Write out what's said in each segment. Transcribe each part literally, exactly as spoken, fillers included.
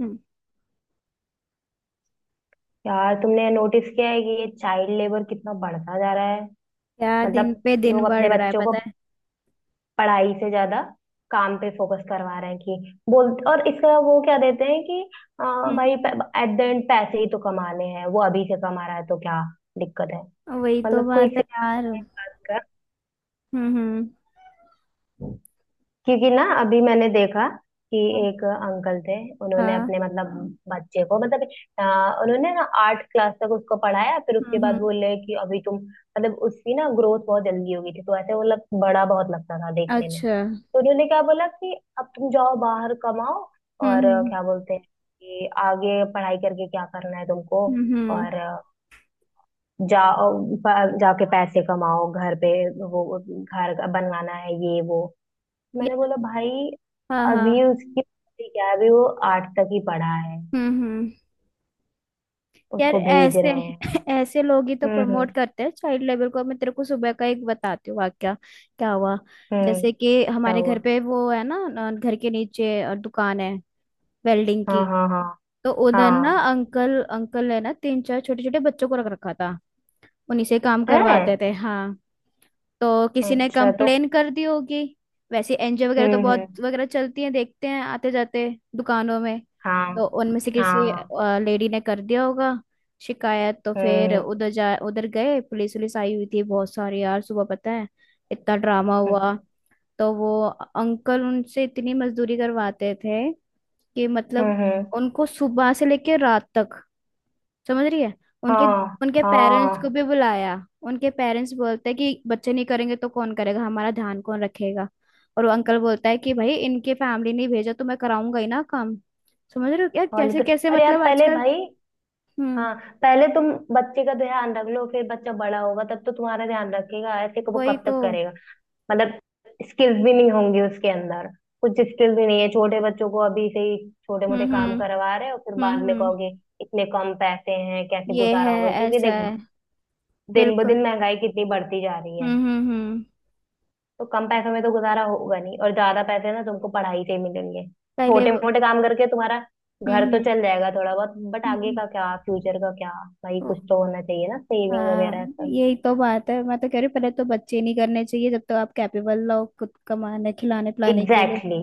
हम्म, यार, तुमने नोटिस किया है कि ये चाइल्ड लेबर कितना बढ़ता जा रहा है। क्या दिन मतलब पे दिन लोग बढ़ अपने रहा है बच्चों को पता है। पढ़ाई से ज्यादा काम पे फोकस करवा रहे हैं। कि बोल, और इसका वो क्या देते हैं कि आ, हम्म, भाई हम्म। एट द एंड पैसे ही तो कमाने हैं, वो अभी से कमा रहा है तो क्या दिक्कत है। वही तो मतलब कोई बात है से। यार। हम्म हम्म। क्योंकि ना अभी मैंने देखा कि एक अंकल थे, उन्होंने हाँ। अपने मतलब बच्चे को, मतलब अ, उन्होंने ना आठ क्लास तक उसको पढ़ाया, फिर उसके हम्म बाद हम्म। बोले कि अभी तुम, मतलब उसकी ना ग्रोथ बहुत जल्दी हो गई थी, तो ऐसे वो लग बड़ा बहुत लगता था देखने में, अच्छा। तो उन्होंने क्या बोला कि अब तुम जाओ बाहर कमाओ। और अ, हम्म, क्या बोलते हैं, कि आगे पढ़ाई करके क्या करना है तुमको। हम्म। हम्म। और अ, जाओ, प- जाके पैसे कमाओ घर पे, वो घर बनवाना है, ये वो। मैंने यार। बोला, भाई हाँ अभी हाँ। उसकी उम्र क्या है, अभी वो आठ तक ही पढ़ा है, हम्म हम्म। यार उसको भेज ऐसे रहे हैं। ऐसे लोग ही तो हम्म, हम्म, प्रमोट करते हैं चाइल्ड लेबर को। मैं तेरे को सुबह का एक बताती हूँ वाक्या। क्या हुआ? हम्म। जैसे कि क्या हमारे घर हुआ? पे वो है ना। अ, घर के नीचे अ, दुकान है, वेल्डिंग की। हाँ, हाँ, हाँ, तो उधर ना हाँ। अंकल अंकल है ना, तीन चार छोटे छोटे बच्चों को रख रखा था, उन्हीं से काम है। करवाते थे। हाँ। तो किसी ने अच्छा तो। कंप्लेन कर दी होगी। वैसे एनजीओ वगैरह तो हम्म, हम्म। बहुत वगैरह चलती हैं, देखते हैं आते जाते दुकानों में। हाँ, तो उनमें से किसी हाँ। लेडी ने कर दिया होगा शिकायत। तो फिर हम्म, उधर जा उधर गए, पुलिस वुलिस आई हुई थी बहुत सारी, यार सुबह पता है इतना ड्रामा हम्म, हुआ। तो वो अंकल उनसे इतनी मजदूरी करवाते थे कि हम्म, मतलब हम्म। उनको सुबह से लेके रात तक, समझ रही है। उनके हाँ, उनके पेरेंट्स को हाँ। भी बुलाया। उनके पेरेंट्स बोलते हैं कि बच्चे नहीं करेंगे तो कौन करेगा, हमारा ध्यान कौन रखेगा। और वो अंकल बोलता है कि भाई इनके फैमिली ने भेजा तो मैं कराऊंगा ही ना काम। समझ रहे हो यार, और नहीं कैसे तो। कैसे अरे यार मतलब पहले आजकल। भाई। हम्म। हाँ। पहले तुम बच्चे का ध्यान रख लो, फिर बच्चा बड़ा होगा तब तो तुम्हारा ध्यान रखेगा, ऐसे को वो वही कब तो। तक। मतलब स्किल्स भी नहीं होंगी उसके अंदर। कुछ स्किल भी नहीं है, छोटे बच्चों को अभी से ही छोटे मोटे हम्म हम्म काम करवा रहे हो, फिर बाद हम्म में हम्म। कहोगे इतने कम पैसे हैं, कैसे ये गुजारा है, होगा। क्योंकि ऐसा देख, है, दिन ब बिल्कुल। दिन महंगाई कितनी बढ़ती जा रही है। हम्म हम्म हम्म। तो कम पैसों में तो गुजारा होगा नहीं, और ज्यादा पैसे ना तुमको पढ़ाई से ही मिलेंगे। पहले छोटे वो- मोटे काम करके तुम्हारा हम्म घर तो हम्म। चल जाएगा थोड़ा बहुत, बट आगे का क्या, फ्यूचर का क्या? भाई हम्म। कुछ तो होना चाहिए ना, सेविंग वगैरह हाँ, सब। यही तो बात है। मैं तो कह रही हूँ, पहले तो बच्चे नहीं करने चाहिए जब तक आप कैपेबल हो खुद कमाने खिलाने पिलाने के लिए। एग्जैक्टली।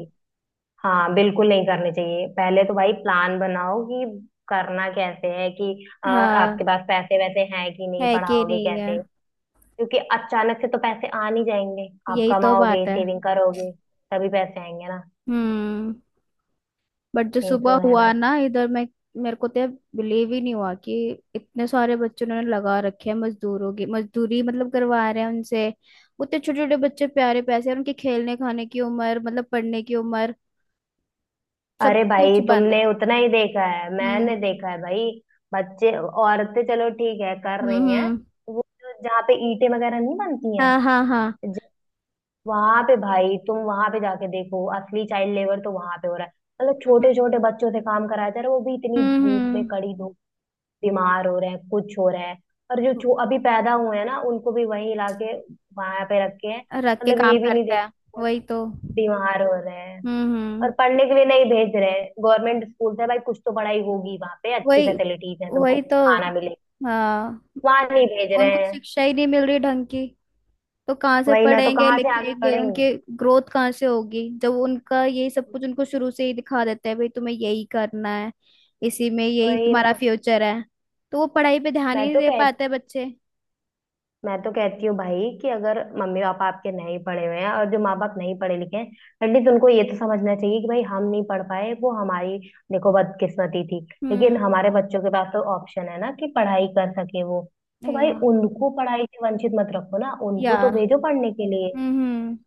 हाँ बिल्कुल नहीं करनी चाहिए, पहले तो भाई प्लान बनाओ कि करना कैसे है, कि अ, हाँ। आपके पास पैसे वैसे हैं कि नहीं, है कि पढ़ाओगे नहीं है। कैसे। क्योंकि अचानक से तो पैसे आ नहीं जाएंगे, आप यही तो कमाओगे, बात है। सेविंग करोगे, तभी पैसे आएंगे ना। हम्म। बट जो ये तो सुबह है हुआ भाई। ना इधर, मैं मेरे को तो बिलीव ही नहीं हुआ कि इतने सारे बच्चों ने लगा रखे हैं मजदूरों की मजदूरी, मतलब करवा रहे हैं उनसे। उतने छोटे छोटे बच्चे प्यारे पैसे, और उनके खेलने खाने की उम्र, मतलब पढ़ने की उम्र, सब अरे भाई कुछ बंद। तुमने उतना ही देखा है, हम्म मैंने देखा है भाई। बच्चे, औरतें चलो ठीक है कर हम्म रही हैं, हम्म। वो जो जहाँ पे ईंटें वगैरह नहीं बनती हैं, हाँ हाँ हाँ। वहां पे भाई तुम वहां पे जाके देखो, असली चाइल्ड लेबर तो वहां पे हो रहा है। मतलब छोटे छोटे बच्चों से काम कराया जा रहा है, वो भी इतनी हम्म धूप में, हम्म। कड़ी धूप। बीमार हो रहे हैं, कुछ हो रहे हैं। और जो छो अभी पैदा हुए हैं ना, उनको भी वहीं लाके वहां पे रखे हैं। रख के मतलब काम ये भी नहीं करता है। देखते वो वही तो। हम्म बीमार हो रहे हैं। और हम्म। पढ़ने के लिए नहीं भेज रहे हैं। गवर्नमेंट स्कूल से भाई कुछ तो पढ़ाई होगी, वहां पे अच्छी वही। फैसिलिटीज है तुमको, वही तो। खाना मिले, हाँ। वहां नहीं भेज उनको रहे हैं। शिक्षा ही नहीं मिल रही ढंग की, तो कहाँ से वही ना, तो पढ़ेंगे कहाँ से आगे लिखेंगे, बढ़ेंगे। उनकी ग्रोथ कहाँ से होगी जब उनका यही सब कुछ उनको शुरू से ही दिखा देते हैं, भाई तुम्हें यही करना है, इसी में यही वही तुम्हारा ना। फ्यूचर है। तो वो पढ़ाई पे ध्यान मैं ही नहीं तो दे कह पाते बच्चे। मैं तो कहती हूँ भाई कि अगर मम्मी पापा आपके नहीं पढ़े हुए हैं, और जो माँ बाप नहीं पढ़े लिखे हैं, एटलीस्ट उनको ये तो समझना चाहिए कि भाई हम नहीं पढ़ पाए, वो हमारी, देखो, बदकिस्मती थी। लेकिन हम्म। हमारे बच्चों के पास तो ऑप्शन है ना कि पढ़ाई कर सके वो, तो भाई या। उनको पढ़ाई से वंचित मत रखो ना, या। उनको तो भेजो पढ़ने के लिए। हम्म हम्म।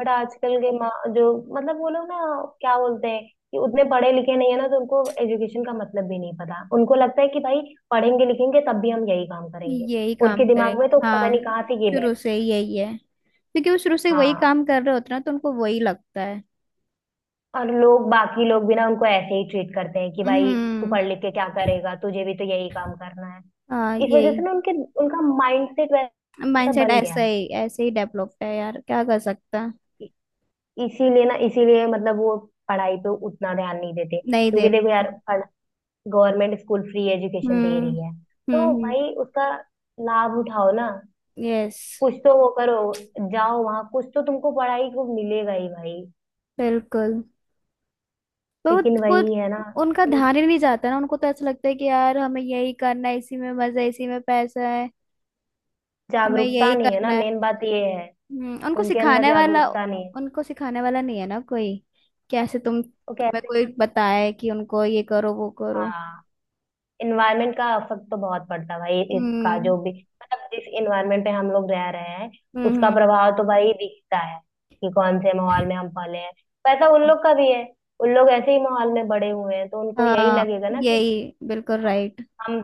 बट आजकल के माँ जो, मतलब वो लोग ना, क्या बोलते हैं, कि उतने पढ़े लिखे नहीं है ना, तो उनको एजुकेशन का मतलब भी नहीं पता। उनको लगता है कि भाई पढ़ेंगे लिखेंगे तब भी हम यही काम करेंगे। यही काम उनके दिमाग करेंगे में तो पता नहीं हाँ। कहाँ से ये। शुरू से ही यही है, क्योंकि वो शुरू से वही हाँ। काम कर रहे होते हैं ना, तो उनको वही लगता है। और लोग, बाकी लोग भी ना उनको ऐसे ही ट्रीट करते हैं कि भाई तू हम्म। पढ़ लिख के क्या करेगा, तुझे भी तो यही काम करना है। हाँ इस वजह से यही। ना उनके, उनका माइंडसेट वैसा माइंडसेट बन गया ऐसा है। ही ऐसे ही डेवलप्ड है यार, क्या कर सकता है। इ- इसीलिए ना इसीलिए मतलब वो पढ़ाई पे उतना ध्यान नहीं देते। नहीं दे क्योंकि देखो पाता। यार, गवर्नमेंट स्कूल फ्री एजुकेशन दे हम्म। रही है, तो हम्म। भाई उसका लाभ उठाओ ना, यस। कुछ तो वो करो, जाओ वहां, कुछ तो तुमको पढ़ाई को मिलेगा ही भाई। बिल्कुल। तो वो लेकिन वो- वही है ना, उनका ध्यान ही नहीं जाता ना, उनको तो ऐसा लगता है कि यार हमें यही करना है, इसी में मजा है, इसी में पैसा है, हमें जागरूकता यही नहीं है करना ना, है। मेन बात ये है। हम्म, उनको उनके अंदर सिखाने वाला जागरूकता नहीं है उनको सिखाने वाला नहीं है ना कोई, कैसे तुम तो तुम्हें कहते कोई हैं। बताए कि उनको ये करो वो करो। हाँ। इन्वायरमेंट का असर तो बहुत पड़ता है भाई इसका, जो हम्म भी मतलब जिस इन्वायरमेंट में हम लोग रह रहे हैं, हम्म उसका हम्म। प्रभाव तो भाई दिखता है कि कौन से माहौल में हम पले हैं। वैसा उन लोग का भी है, उन लोग ऐसे ही माहौल में बड़े हुए हैं तो उनको यही हाँ लगेगा ना कि यही बिल्कुल राइट। हम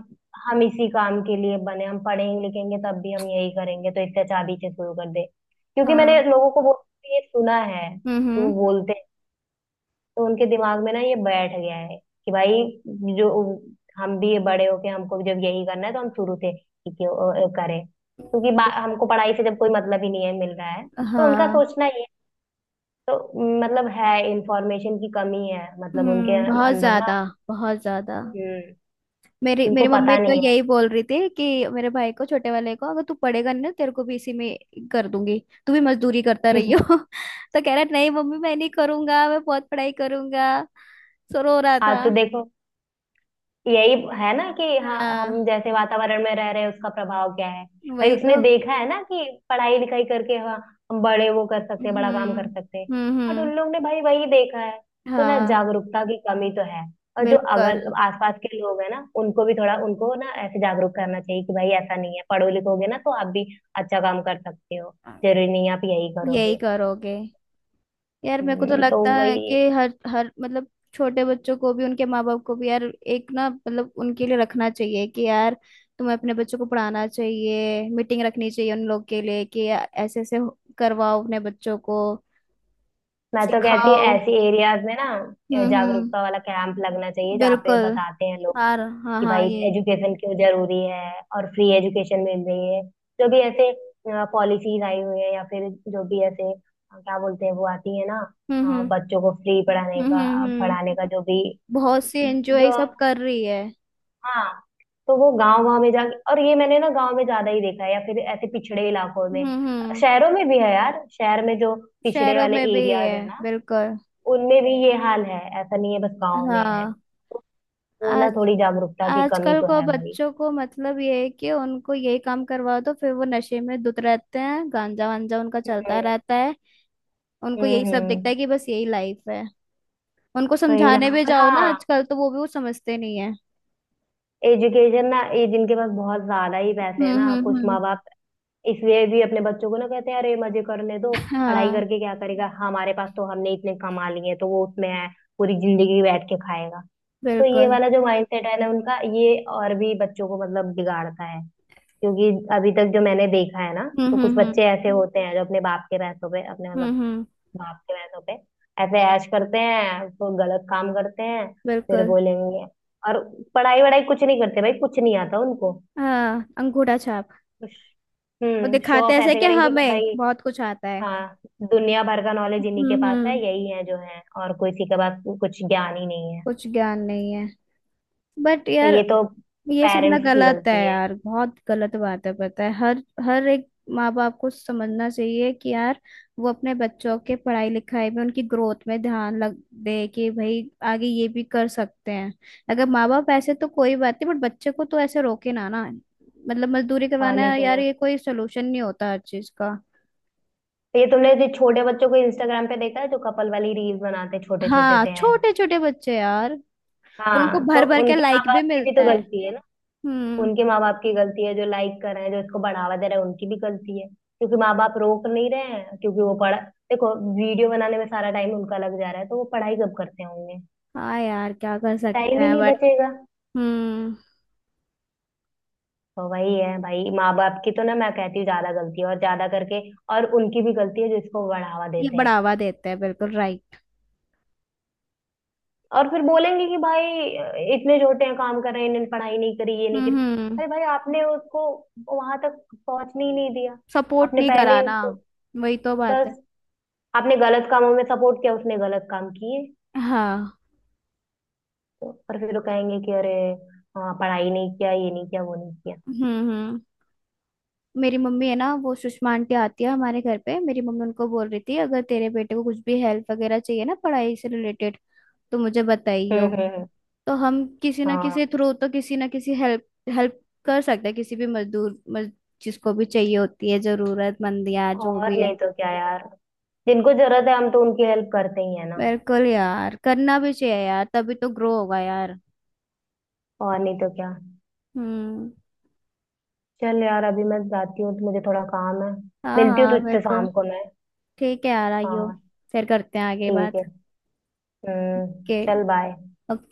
हम इसी काम के लिए बने, हम पढ़ेंगे लिखेंगे तब भी हम यही करेंगे, तो इससे अच्छा अभी से शुरू कर दे। क्योंकि मैंने हाँ। लोगों को बोलते हुए ये सुना है हम्म कि वो हम्म। बोलते, तो उनके दिमाग में ना ये बैठ गया है कि भाई जो हम भी बड़े होके हमको जब यही करना है, तो हम शुरू से ही क्यों अ, अ, करें, क्योंकि बा- हमको पढ़ाई से जब कोई मतलब ही नहीं है मिल रहा है, तो उनका हाँ। सोचना ये है। तो मतलब है, इंफॉर्मेशन की कमी है मतलब उनके हम्म बहुत अंदर ना। ज्यादा। बहुत ज्यादा। हम्म। मेरी उनको मेरी मम्मी पता तो नहीं है। यही बोल रही थी कि मेरे भाई को छोटे वाले को, अगर तू पढ़ेगा नहीं ना तेरे को भी इसी में कर दूंगी, तू भी मजदूरी करता रही हो। तो कह रहा नहीं मम्मी मैं नहीं करूंगा, मैं बहुत पढ़ाई करूंगा, सो रो रहा हाँ था। तो देखो, यही है ना कि हाँ हम हाँ। जैसे वातावरण में रह रहे हैं उसका प्रभाव क्या है। भाई वही उसने तो। देखा है ना कि पढ़ाई लिखाई करके हाँ हम बड़े वो कर सकते हैं, हम्म बड़ा काम कर सकते हैं। हम्म बट हम्म। उन लोग ने भाई वही देखा है, तो ना हाँ। जागरूकता की कमी तो है। और जो बिल्कुल। अगल आसपास के लोग हैं ना उनको भी थोड़ा, उनको ना ऐसे जागरूक करना चाहिए कि भाई ऐसा नहीं है, पढ़ो लिखोगे ना तो आप भी अच्छा काम कर सकते हो, जरूरी नहीं आप यही यही करोगे। करोगे। यार मेरे को तो हम्म, तो लगता है वही। कि हर हर मतलब छोटे बच्चों को भी उनके माँ बाप को भी यार, एक ना मतलब उनके लिए रखना चाहिए कि यार तुम्हें अपने बच्चों को पढ़ाना चाहिए, मीटिंग रखनी चाहिए उन लोग के लिए कि या- ऐसे ऐसे हो- करवाओ अपने बच्चों को, मैं तो कहती सिखाओ। हूँ ऐसी एरियाज में ना हम्म हम्म। जागरूकता वाला कैंप लगना चाहिए, जहाँ पे बिल्कुल। बताते हैं लोग हाँ हाँ कि हाँ भाई यही। एजुकेशन क्यों जरूरी है और फ्री एजुकेशन मिल रही है। जो भी ऐसे पॉलिसीज आई हुई है, या फिर जो भी ऐसे अ, क्या बोलते हैं वो आती है ना, हम्म अ, हम्म बच्चों को फ्री पढ़ाने हम्म का हम्म हम्म। पढ़ाने का जो भी, बहुत सी एनजीओ ये जो, सब कर रही है। हाँ, तो वो गांव गांव में जाके। और ये मैंने ना गांव में ज्यादा ही देखा है, या फिर ऐसे पिछड़े इलाकों में। हम्म हम्म। शहरों में भी है यार, शहर में जो पिछड़े शहरों वाले में भी है। एरियाज है ना बिल्कुल। उनमें भी ये हाल है, ऐसा नहीं है बस गांव में है। हाँ। तो वो ना थोड़ी जागरूकता की कमी आजकल तो को है बच्चों को मतलब ये है कि उनको यही काम करवाओ, तो फिर वो नशे में धुत रहते हैं, गांजा वांजा उनका चलता भाई। रहता है। उनको यही हम्म, सब दिखता है हम्म। कि बस यही लाइफ है। उनको वही ना। समझाने भी और जाओ ना हाँ, आजकल, तो वो भी वो समझते नहीं है। एजुकेशन ना, ये जिनके पास बहुत ज्यादा ही पैसे है हम्म ना हम्म कुछ हम्म। माँ बाप, इसलिए भी अपने बच्चों को ना कहते हैं, अरे मजे करने दो, पढ़ाई हाँ। करके क्या करेगा, हमारे पास तो हमने इतने कमा लिए, तो वो उसमें है, पूरी जिंदगी बैठ के खाएगा। तो ये बिल्कुल। वाला जो माइंडसेट है ना उनका, ये और भी बच्चों को मतलब बिगाड़ता है। क्योंकि अभी तक जो मैंने देखा है ना, तो हम्म कुछ हम्म हम्म बच्चे ऐसे होते हैं जो अपने बाप के पैसों पे अपने मतलब हम्म हम्म। बाप के भैंसों पे ऐसे ऐश करते हैं, तो गलत काम करते हैं, फिर बिल्कुल। बोलेंगे। और पढ़ाई वढ़ाई कुछ नहीं करते भाई, कुछ नहीं आता उनको। हाँ, अंगूठा छाप। वो हम्म। शो दिखाते ऑफ ऐसे ऐसे कि करेंगे कि हमें भाई बहुत कुछ आता है। हाँ दुनिया भर का नॉलेज इन्हीं के हम्म पास है, हम्म। यही है जो है और कोई, किसी के पास कुछ ज्ञान ही नहीं है। कुछ ज्ञान नहीं है। बट तो ये यार तो ये सब ना पेरेंट्स की गलत है गलती है। यार, बहुत गलत बात है पता है। हर हर एक माँ बाप को समझना चाहिए कि यार, वो अपने बच्चों के पढ़ाई लिखाई में उनकी ग्रोथ में ध्यान लग दे कि भाई आगे ये भी कर सकते हैं। अगर माँ बाप ऐसे तो कोई बात नहीं, बट बच्चे को तो ऐसे रोके ना ना, मतलब मजदूरी और करवाना नहीं है तो यार, क्या। ये कोई सोल्यूशन नहीं होता हर चीज का। तो ये तुमने जो छोटे बच्चों को इंस्टाग्राम पे देखा है जो कपल वाली रील्स बनाते, छोटे छोटे हाँ से हैं, छोटे छोटे बच्चे यार। और उनको हाँ, तो भर भर के उनके माँ लाइक भी बाप की भी तो मिलता है। गलती है। हम्म। उनके माँ बाप की गलती है, जो लाइक कर रहे हैं जो इसको बढ़ावा दे रहे हैं उनकी भी गलती है, क्योंकि माँ बाप रोक नहीं रहे हैं। क्योंकि वो पढ़, देखो, वीडियो बनाने में सारा टाइम उनका लग जा रहा है, तो वो पढ़ाई कब करते होंगे, हाँ यार, क्या कर टाइम सकते ही हैं नहीं बट। बचेगा। हम्म। तो वही है भाई, माँ बाप की तो ना मैं कहती हूँ ज्यादा गलती है, और ज्यादा करके और उनकी भी गलती है जो इसको बढ़ावा ये देते हैं। बढ़ावा देते हैं, बिल्कुल राइट। और फिर बोलेंगे कि भाई इतने छोटे हैं काम कर रहे हैं, इन्होंने पढ़ाई नहीं करी, ये नहीं हम्म करी। हम्म। अरे भाई आपने उसको वहां तक पहुंचने ही नहीं दिया, सपोर्ट आपने नहीं पहले ही कराना। उसको, वही तो बात है। बस, आपने गलत कामों में सपोर्ट किया, उसने गलत काम किए। हाँ। तो और फिर वो कहेंगे कि अरे हाँ पढ़ाई नहीं किया, ये नहीं किया, वो नहीं किया। हम्म हम्म। मेरी मम्मी है ना, वो सुषमा आंटी आती है हमारे घर पे, मेरी मम्मी उनको बोल रही थी अगर तेरे बेटे को कुछ भी हेल्प वगैरह चाहिए ना पढ़ाई से रिलेटेड तो मुझे हम्म, बताइयो। हम्म, हम्म। तो हम किसी ना किसी हाँ। थ्रू तो, किसी ना किसी हेल्प हेल्प कर सकते हैं किसी भी मजदूर मज, जिसको भी चाहिए होती है, जरूरतमंद या जो और भी है। नहीं तो क्या यार। जिनको जरूरत है हम तो उनकी हेल्प करते ही है ना। बिल्कुल यार, करना भी चाहिए यार तभी तो ग्रो होगा यार। और नहीं तो क्या। हम्म। चल यार अभी मैं जाती हूँ, तो मुझे थोड़ा काम है। हाँ मिलती हूँ हाँ तुझसे बिल्कुल। शाम को मैं। ठीक है यार, आइयो। हाँ। फिर करते हैं आगे ठीक बात। है। हम्म के। चल बाय। और।